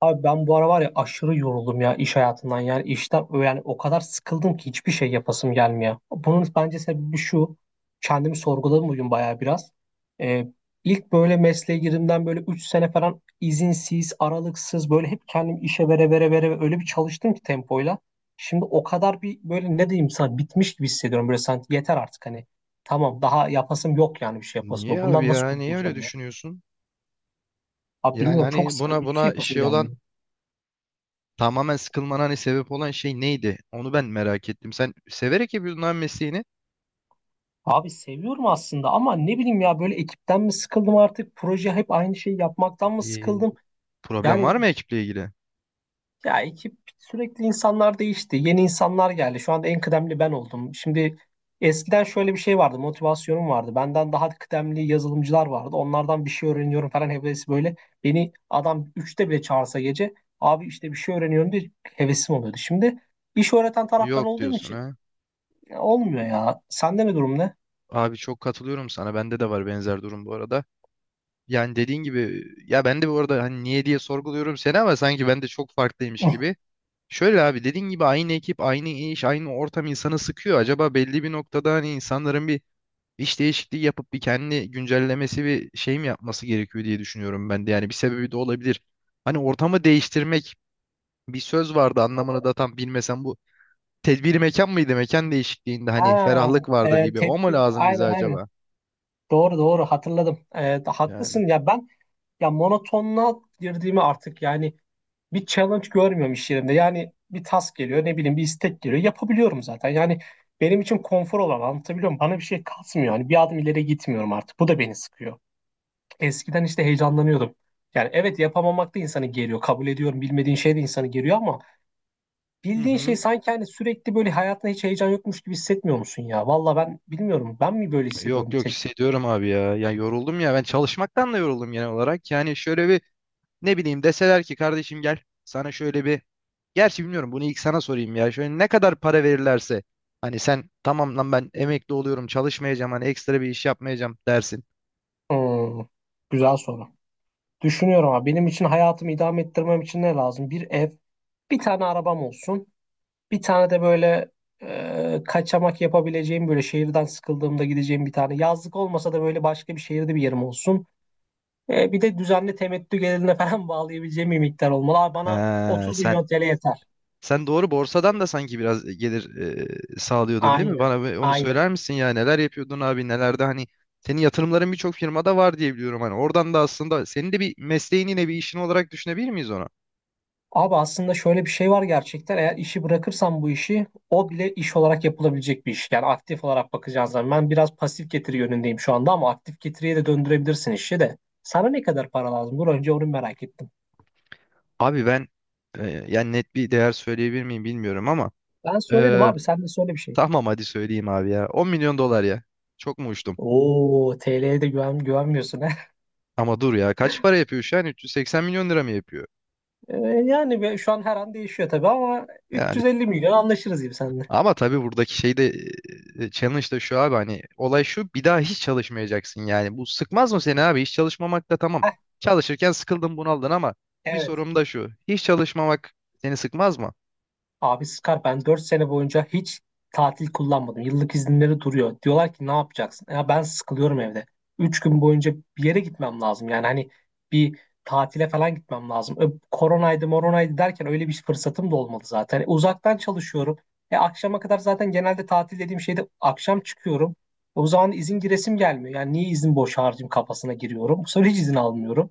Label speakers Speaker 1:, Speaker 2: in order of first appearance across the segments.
Speaker 1: Abi ben bu ara var ya aşırı yoruldum ya iş hayatından yani işten yani o kadar sıkıldım ki hiçbir şey yapasım gelmiyor. Bunun bence sebebi şu, kendimi sorguladım bugün bayağı biraz. Ee, ilk böyle mesleğe girdiğimden böyle 3 sene falan izinsiz aralıksız böyle hep kendimi işe vere vere vere vere öyle bir çalıştım ki tempoyla. Şimdi o kadar bir böyle ne diyeyim sana, bitmiş gibi hissediyorum böyle, sanki yeter artık hani. Tamam, daha yapasım yok yani bir şey yapasım
Speaker 2: Niye
Speaker 1: yok.
Speaker 2: abi
Speaker 1: Bundan nasıl
Speaker 2: ya? Niye öyle
Speaker 1: kurtulacağım ya?
Speaker 2: düşünüyorsun?
Speaker 1: Abi
Speaker 2: Yani
Speaker 1: bilmiyorum, çok
Speaker 2: hani
Speaker 1: sıkıldım,
Speaker 2: buna
Speaker 1: hiçbir şey
Speaker 2: buna
Speaker 1: yapasım
Speaker 2: şey olan
Speaker 1: gelmiyor.
Speaker 2: tamamen sıkılmana hani sebep olan şey neydi? Onu ben merak ettim. Sen severek yapıyordun abi mesleğini.
Speaker 1: Abi seviyorum aslında ama ne bileyim ya, böyle ekipten mi sıkıldım artık, proje hep aynı şeyi yapmaktan mı
Speaker 2: Bir
Speaker 1: sıkıldım?
Speaker 2: problem var
Speaker 1: Yani
Speaker 2: mı ekiple ilgili?
Speaker 1: ya ekip sürekli, insanlar değişti, yeni insanlar geldi, şu anda en kıdemli ben oldum. Şimdi eskiden şöyle bir şey vardı, motivasyonum vardı, benden daha kıdemli yazılımcılar vardı, onlardan bir şey öğreniyorum falan hevesi böyle. Beni adam üçte bile çağırsa gece, abi işte bir şey öğreniyorum diye hevesim oluyordu. Şimdi iş öğreten taraf ben
Speaker 2: Yok
Speaker 1: olduğum
Speaker 2: diyorsun
Speaker 1: için
Speaker 2: ha.
Speaker 1: ya olmuyor ya. Sende ne durum, ne?
Speaker 2: Abi çok katılıyorum sana. Bende de var benzer durum bu arada. Yani dediğin gibi ya ben de bu arada hani niye diye sorguluyorum seni ama sanki ben de çok farklıymış gibi. Şöyle abi dediğin gibi aynı ekip, aynı iş, aynı ortam insanı sıkıyor. Acaba belli bir noktada hani insanların bir iş değişikliği yapıp bir kendi güncellemesi ve şey mi yapması gerekiyor diye düşünüyorum ben de. Yani bir sebebi de olabilir. Hani ortamı değiştirmek bir söz vardı anlamını da tam bilmesem bu tedbir mekan mıydı? Mekan değişikliğinde hani
Speaker 1: Ha,
Speaker 2: ferahlık vardır gibi. O mu
Speaker 1: tedbir,
Speaker 2: lazım bize
Speaker 1: aynen aynen,
Speaker 2: acaba?
Speaker 1: doğru doğru, hatırladım.
Speaker 2: Yani.
Speaker 1: Haklısın ya. Ben ya monotonluğa girdiğimi artık, yani bir challenge görmüyorum iş yerinde, yani bir task geliyor, ne bileyim bir istek geliyor, yapabiliyorum zaten yani, benim için konfor olan, anlatabiliyor muyum, bana bir şey kasmıyor yani, bir adım ileri gitmiyorum artık, bu da beni sıkıyor. Eskiden işte heyecanlanıyordum, yani evet, yapamamak da insanı geriyor, kabul ediyorum, bilmediğin şey de insanı geriyor ama
Speaker 2: Hı
Speaker 1: bildiğin şey
Speaker 2: hı.
Speaker 1: sanki hani, sürekli böyle hayatta hiç heyecan yokmuş gibi hissetmiyor musun ya? Valla ben bilmiyorum. Ben mi böyle
Speaker 2: Yok
Speaker 1: hissediyorum bir
Speaker 2: yok
Speaker 1: tek?
Speaker 2: hissediyorum abi ya. Ya yoruldum ya ben çalışmaktan da yoruldum genel olarak. Yani şöyle bir ne bileyim deseler ki kardeşim gel sana şöyle bir gerçi bilmiyorum bunu ilk sana sorayım ya. Şöyle ne kadar para verirlerse hani sen tamam lan ben emekli oluyorum çalışmayacağım hani ekstra bir iş yapmayacağım dersin.
Speaker 1: Hmm, güzel soru. Düşünüyorum ama, benim için hayatımı idame ettirmem için ne lazım? Bir ev, bir tane arabam olsun. Bir tane de böyle, kaçamak yapabileceğim, böyle şehirden sıkıldığımda gideceğim bir tane. Yazlık olmasa da böyle başka bir şehirde bir yerim olsun. Bir de düzenli temettü gelirine falan bağlayabileceğim bir miktar olmalı. Abi bana
Speaker 2: Ee,
Speaker 1: 30
Speaker 2: sen
Speaker 1: milyon TL yeter.
Speaker 2: sen doğru borsadan da sanki biraz gelir sağlıyordun değil mi?
Speaker 1: Aynen.
Speaker 2: Bana bir onu
Speaker 1: Aynen.
Speaker 2: söyler misin ya neler yapıyordun abi nelerde hani senin yatırımların birçok firmada var diye biliyorum hani oradan da aslında senin de bir mesleğin yine bir işin olarak düşünebilir miyiz onu?
Speaker 1: Abi aslında şöyle bir şey var gerçekten. Eğer işi bırakırsam, bu işi o bile iş olarak yapılabilecek bir iş. Yani aktif olarak bakacağız zaman. Ben biraz pasif getiri yönündeyim şu anda ama aktif getiriye de döndürebilirsin işi de. Sana ne kadar para lazım? Dur önce onu merak ettim.
Speaker 2: Abi ben yani net bir değer söyleyebilir miyim bilmiyorum ama
Speaker 1: Ben söyledim
Speaker 2: e,
Speaker 1: abi, sen de söyle bir şey.
Speaker 2: tamam hadi söyleyeyim abi ya 10 milyon dolar ya çok mu uçtum?
Speaker 1: Oo, TL'ye de güvenmiyorsun he.
Speaker 2: Ama dur ya kaç para yapıyor şu an? 380 milyon lira mı yapıyor?
Speaker 1: Ee, yani şu an her an değişiyor tabii ama
Speaker 2: Yani
Speaker 1: 350 milyon anlaşırız gibi seninle.
Speaker 2: ama tabii buradaki şey de challenge da şu abi hani olay şu bir daha hiç çalışmayacaksın yani. Bu sıkmaz mı seni abi? Hiç çalışmamak da tamam.
Speaker 1: Heh,
Speaker 2: Çalışırken sıkıldın bunaldın ama bir
Speaker 1: evet.
Speaker 2: sorum da şu. Hiç çalışmamak seni sıkmaz mı?
Speaker 1: Abi Scar, ben 4 sene boyunca hiç tatil kullanmadım. Yıllık izinleri duruyor. Diyorlar ki ne yapacaksın? Ya ben sıkılıyorum evde. 3 gün boyunca bir yere gitmem lazım. Yani hani bir tatile falan gitmem lazım. Koronaydı moronaydı derken öyle bir fırsatım da olmadı zaten. Uzaktan çalışıyorum. Akşama kadar zaten, genelde tatil dediğim şeyde akşam çıkıyorum. O zaman izin giresim gelmiyor. Yani niye izin boş harcayayım kafasına giriyorum. Bu sefer hiç izin almıyorum.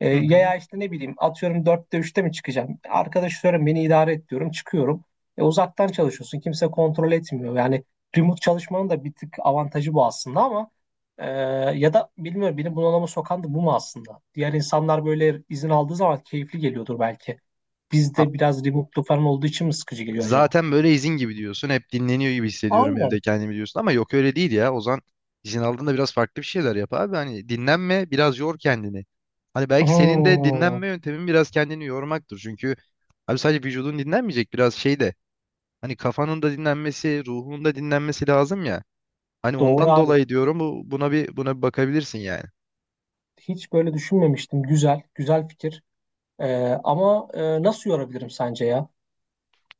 Speaker 2: Hı
Speaker 1: Ya
Speaker 2: hı.
Speaker 1: ya işte ne bileyim atıyorum, dörtte üçte mi çıkacağım? Arkadaş diyorum, beni idare et diyorum, çıkıyorum. Uzaktan çalışıyorsun, kimse kontrol etmiyor. Yani remote çalışmanın da bir tık avantajı bu aslında ama e, ya da bilmiyorum, beni bunalıma sokan da bu mu aslında? Diğer insanlar böyle izin aldığı zaman keyifli geliyordur belki. Bizde
Speaker 2: A-
Speaker 1: biraz remote'lu falan olduğu için mi sıkıcı geliyor acaba?
Speaker 2: Zaten böyle izin gibi diyorsun. Hep dinleniyor gibi hissediyorum
Speaker 1: Aynen.
Speaker 2: evde kendimi diyorsun. Ama yok öyle değil ya. Ozan izin aldığında biraz farklı bir şeyler yap abi. Hani dinlenme biraz yor kendini. Hani belki senin de
Speaker 1: Hmm,
Speaker 2: dinlenme yöntemin biraz kendini yormaktır. Çünkü abi sadece vücudun dinlenmeyecek biraz şey de. Hani kafanın da dinlenmesi, ruhun da dinlenmesi lazım ya. Hani
Speaker 1: doğru
Speaker 2: ondan
Speaker 1: abi.
Speaker 2: dolayı diyorum bu buna bir bakabilirsin yani.
Speaker 1: Hiç böyle düşünmemiştim. Güzel, güzel fikir. E, ama nasıl yorabilirim sence ya?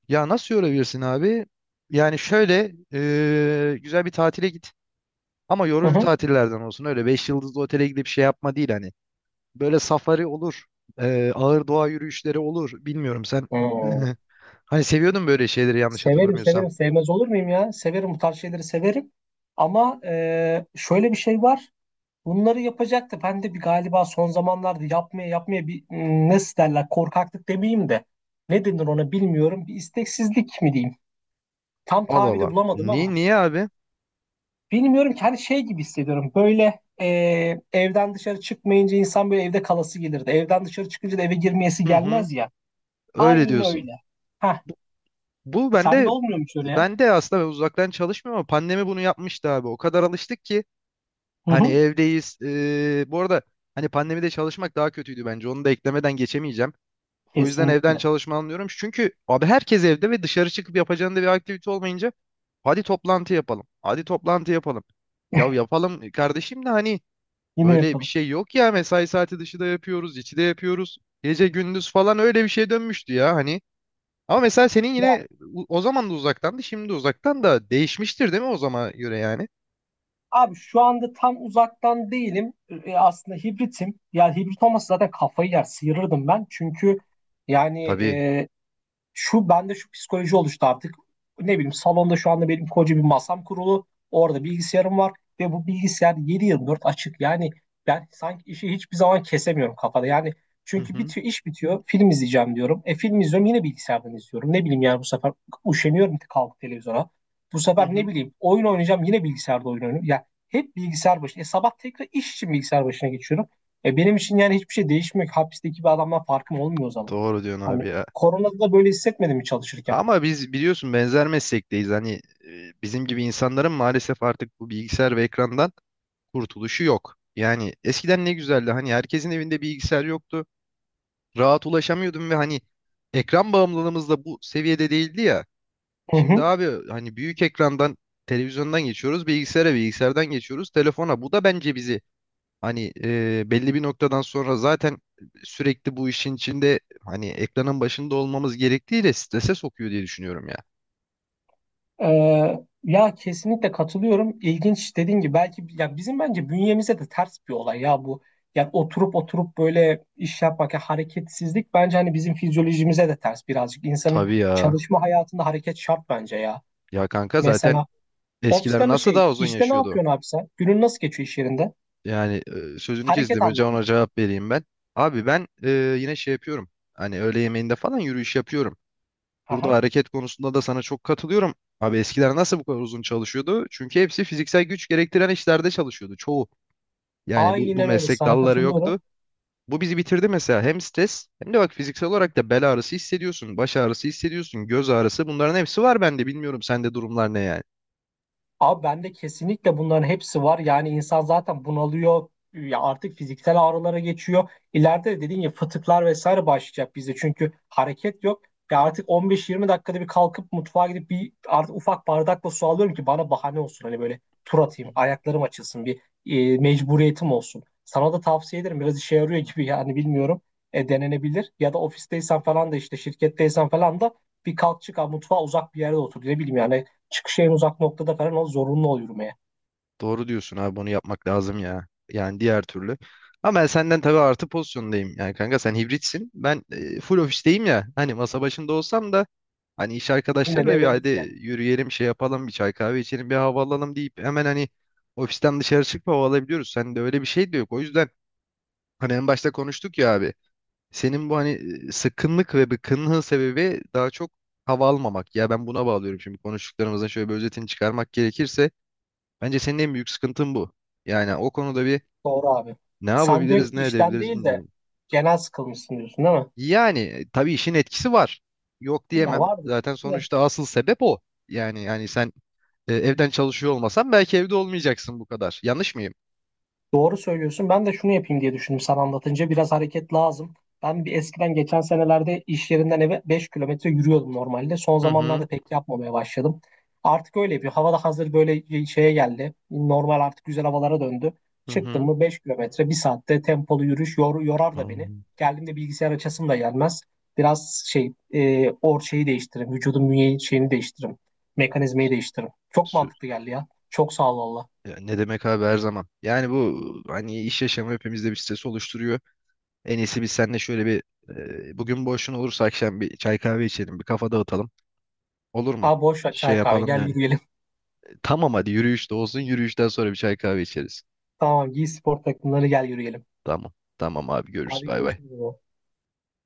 Speaker 2: Ya nasıl yorabilirsin abi? Yani şöyle güzel bir tatile git. Ama
Speaker 1: Hı
Speaker 2: yorucu
Speaker 1: hı.
Speaker 2: tatillerden olsun öyle 5 yıldızlı otele gidip şey yapma değil hani. Böyle safari olur. Ağır doğa yürüyüşleri olur. Bilmiyorum sen.
Speaker 1: Hmm.
Speaker 2: Hani seviyordun böyle şeyleri yanlış
Speaker 1: Severim
Speaker 2: hatırlamıyorsam.
Speaker 1: severim, sevmez olur muyum ya? Severim, bu tarz şeyleri severim. Ama şöyle bir şey var. Bunları yapacaktı. Ben de bir galiba son zamanlarda yapmaya yapmaya bir, nasıl derler, korkaklık demeyeyim de. Ne denir ona bilmiyorum. Bir isteksizlik mi diyeyim? Tam
Speaker 2: Allah
Speaker 1: tabiri
Speaker 2: Allah.
Speaker 1: bulamadım
Speaker 2: Niye,
Speaker 1: ama.
Speaker 2: niye abi?
Speaker 1: Bilmiyorum ki, hani şey gibi hissediyorum. Böyle evden dışarı çıkmayınca insan böyle evde kalası gelirdi. Evden dışarı çıkınca da eve girmeyesi
Speaker 2: Hı hı.
Speaker 1: gelmez ya.
Speaker 2: Öyle
Speaker 1: Aynı
Speaker 2: diyorsun.
Speaker 1: öyle. Heh,
Speaker 2: Bu, bu
Speaker 1: sende
Speaker 2: bende
Speaker 1: olmuyor mu hiç öyle ya?
Speaker 2: aslında ben uzaktan çalışmıyorum ama pandemi bunu yapmıştı abi. O kadar alıştık ki
Speaker 1: Hı
Speaker 2: hani
Speaker 1: hı,
Speaker 2: evdeyiz. Bu arada hani pandemide çalışmak daha kötüydü bence. Onu da eklemeden geçemeyeceğim. O yüzden evden
Speaker 1: kesinlikle.
Speaker 2: çalışma anlıyorum. Çünkü abi herkes evde ve dışarı çıkıp yapacağında bir aktivite olmayınca hadi toplantı yapalım. Hadi toplantı yapalım. Ya yapalım kardeşim de hani
Speaker 1: Yine
Speaker 2: böyle bir
Speaker 1: yapalım.
Speaker 2: şey yok ya mesai saati dışı da yapıyoruz, içi de yapıyoruz. Gece gündüz falan öyle bir şeye dönmüştü ya hani. Ama mesela senin
Speaker 1: Ya
Speaker 2: yine o zaman da uzaktandı, şimdi de uzaktan da değişmiştir değil mi o zaman göre yani?
Speaker 1: abi şu anda tam uzaktan değilim. Aslında hibritim. Yani hibrit olmasa zaten kafayı yer, sıyırırdım ben. Çünkü yani
Speaker 2: Tabii.
Speaker 1: şu bende şu psikoloji oluştu artık. Ne bileyim, salonda şu anda benim koca bir masam kurulu. Orada bilgisayarım var ve bu bilgisayar 7 dört açık. Yani ben sanki işi hiçbir zaman kesemiyorum kafada. Yani
Speaker 2: Hı
Speaker 1: çünkü
Speaker 2: hı.
Speaker 1: bitiyor, iş bitiyor. Film izleyeceğim diyorum. Film izliyorum, yine bilgisayardan izliyorum. Ne bileyim yani, bu sefer üşeniyorum kalkıp televizyona. Bu
Speaker 2: Hı
Speaker 1: sefer ne
Speaker 2: hı.
Speaker 1: bileyim, oyun oynayacağım, yine bilgisayarda oyun oynuyorum. Ya hep bilgisayar başında. Sabah tekrar iş için bilgisayar başına geçiyorum. Benim için yani hiçbir şey değişmiyor ki. Hapisteki bir adamdan farkım olmuyor o zaman.
Speaker 2: Doğru diyorsun
Speaker 1: Hani
Speaker 2: abi ya.
Speaker 1: Koronada da böyle hissetmedin mi çalışırken?
Speaker 2: Ama biz biliyorsun benzer meslekteyiz. Hani bizim gibi insanların maalesef artık bu bilgisayar ve ekrandan kurtuluşu yok. Yani eskiden ne güzeldi. Hani herkesin evinde bilgisayar yoktu. Rahat ulaşamıyordum ve hani ekran bağımlılığımız da bu seviyede değildi ya.
Speaker 1: Hı
Speaker 2: Şimdi
Speaker 1: hı.
Speaker 2: abi hani büyük ekrandan televizyondan geçiyoruz, bilgisayara, bilgisayardan geçiyoruz, telefona. Bu da bence bizi hani belli bir noktadan sonra zaten sürekli bu işin içinde hani ekranın başında olmamız gerektiğiyle strese sokuyor diye düşünüyorum ya.
Speaker 1: Ya kesinlikle katılıyorum. İlginç, dediğin gibi belki ya bizim bence bünyemize de ters bir olay ya bu. Yani oturup oturup böyle iş yapmak, ya hareketsizlik bence hani bizim fizyolojimize de ters birazcık. İnsanın
Speaker 2: Tabii ya.
Speaker 1: çalışma hayatında hareket şart bence ya.
Speaker 2: Ya kanka zaten
Speaker 1: Mesela
Speaker 2: eskiler
Speaker 1: ofisten
Speaker 2: nasıl
Speaker 1: şey,
Speaker 2: daha uzun
Speaker 1: işte ne
Speaker 2: yaşıyordu?
Speaker 1: yapıyorsun abi sen? Günün nasıl geçiyor iş yerinde?
Speaker 2: Yani sözünü
Speaker 1: Hareket
Speaker 2: kestim. Önce ona
Speaker 1: anlamında.
Speaker 2: cevap vereyim ben. Abi ben yine şey yapıyorum. Hani öğle yemeğinde falan yürüyüş yapıyorum. Burada
Speaker 1: Aha.
Speaker 2: hareket konusunda da sana çok katılıyorum. Abi eskiler nasıl bu kadar uzun çalışıyordu? Çünkü hepsi fiziksel güç gerektiren işlerde çalışıyordu. Çoğu. Yani bu
Speaker 1: Aynen öyle,
Speaker 2: meslek
Speaker 1: sana
Speaker 2: dalları
Speaker 1: katılıyorum.
Speaker 2: yoktu. Bu bizi bitirdi mesela. Hem stres hem de bak fiziksel olarak da bel ağrısı hissediyorsun. Baş ağrısı hissediyorsun. Göz ağrısı. Bunların hepsi var bende. Bilmiyorum sende durumlar ne yani.
Speaker 1: Abi bende kesinlikle bunların hepsi var. Yani insan zaten bunalıyor. Ya artık fiziksel ağrılara geçiyor. İleride de dediğin gibi fıtıklar vesaire başlayacak bizde. Çünkü hareket yok. Ya artık 15-20 dakikada bir kalkıp mutfağa gidip bir artık ufak bardakla su alıyorum ki bana bahane olsun. Hani böyle tur atayım, ayaklarım açılsın, bir mecburiyetim olsun. Sana da tavsiye ederim. Biraz işe yarıyor gibi yani bilmiyorum. Denenebilir. Ya da ofisteysen falan da, işte şirketteysen falan da, bir kalk çık abi, mutfağa uzak bir yerde otur. Ne bileyim yani, çıkışı en uzak noktada falan, o zorunlu ol yürümeye.
Speaker 2: Doğru diyorsun abi bunu yapmak lazım ya. Yani diğer türlü. Ama ben senden tabii artı pozisyondayım. Yani kanka sen hibritsin. Ben full ofisteyim ya. Hani masa başında olsam da hani iş
Speaker 1: Yine de
Speaker 2: arkadaşlarıyla bir
Speaker 1: eve
Speaker 2: hadi
Speaker 1: git gel.
Speaker 2: yürüyelim şey yapalım bir çay kahve içelim bir hava alalım deyip hemen hani ofisten dışarı çıkıp hava alabiliyoruz. Sen de öyle bir şey de yok. O yüzden hani en başta konuştuk ya abi. Senin bu hani sıkkınlık ve bıkkınlığın sebebi daha çok hava almamak. Ya ben buna bağlıyorum şimdi konuştuklarımızın şöyle bir özetini çıkarmak gerekirse. Bence senin en büyük sıkıntın bu. Yani o konuda bir
Speaker 1: Doğru abi.
Speaker 2: ne
Speaker 1: Sen diyorsun
Speaker 2: yapabiliriz,
Speaker 1: ki
Speaker 2: ne
Speaker 1: işten
Speaker 2: edebiliriz
Speaker 1: değil de
Speaker 2: bilmiyorum.
Speaker 1: genel sıkılmışsın, diyorsun değil mi?
Speaker 2: Yani tabii işin etkisi var. Yok
Speaker 1: Ya
Speaker 2: diyemem.
Speaker 1: vardır
Speaker 2: Zaten
Speaker 1: belki de.
Speaker 2: sonuçta asıl sebep o. Yani sen evden çalışıyor olmasan belki evde olmayacaksın bu kadar. Yanlış mıyım?
Speaker 1: Doğru söylüyorsun. Ben de şunu yapayım diye düşündüm sana anlatınca. Biraz hareket lazım. Ben bir eskiden, geçen senelerde iş yerinden eve 5 kilometre yürüyordum normalde. Son
Speaker 2: Hı hı
Speaker 1: zamanlarda pek yapmamaya başladım. Artık öyle yapıyor. Hava da hazır böyle şeye geldi. Normal artık güzel havalara döndü.
Speaker 2: hı
Speaker 1: Çıktım
Speaker 2: hı.
Speaker 1: mı 5 kilometre bir saatte tempolu yürüyüş, yorar da
Speaker 2: Aa,
Speaker 1: beni. Geldiğimde bilgisayar açasım da gelmez. Biraz şey, şeyi değiştiririm. Vücudun bünye şeyini değiştiririm. Mekanizmayı değiştiririm. Çok
Speaker 2: sü-
Speaker 1: mantıklı geldi ya. Çok sağ ol valla.
Speaker 2: ya ne demek abi her zaman. Yani bu hani iş yaşamı hepimizde bir stres oluşturuyor. En iyisi biz seninle şöyle bir bugün boşun olursa akşam bir çay kahve içelim, bir kafa dağıtalım. Olur mu?
Speaker 1: Aa boş ver,
Speaker 2: Şey
Speaker 1: çay kahve,
Speaker 2: yapalım
Speaker 1: gel
Speaker 2: yani.
Speaker 1: yürüyelim.
Speaker 2: Tamam hadi yürüyüş de olsun. Yürüyüşten sonra bir çay kahve içeriz.
Speaker 1: Tamam, giy spor takımları, gel yürüyelim.
Speaker 2: Tamam. Tamam abi görüşürüz.
Speaker 1: Hadi
Speaker 2: Bay bay.
Speaker 1: görüşürüz. Baba.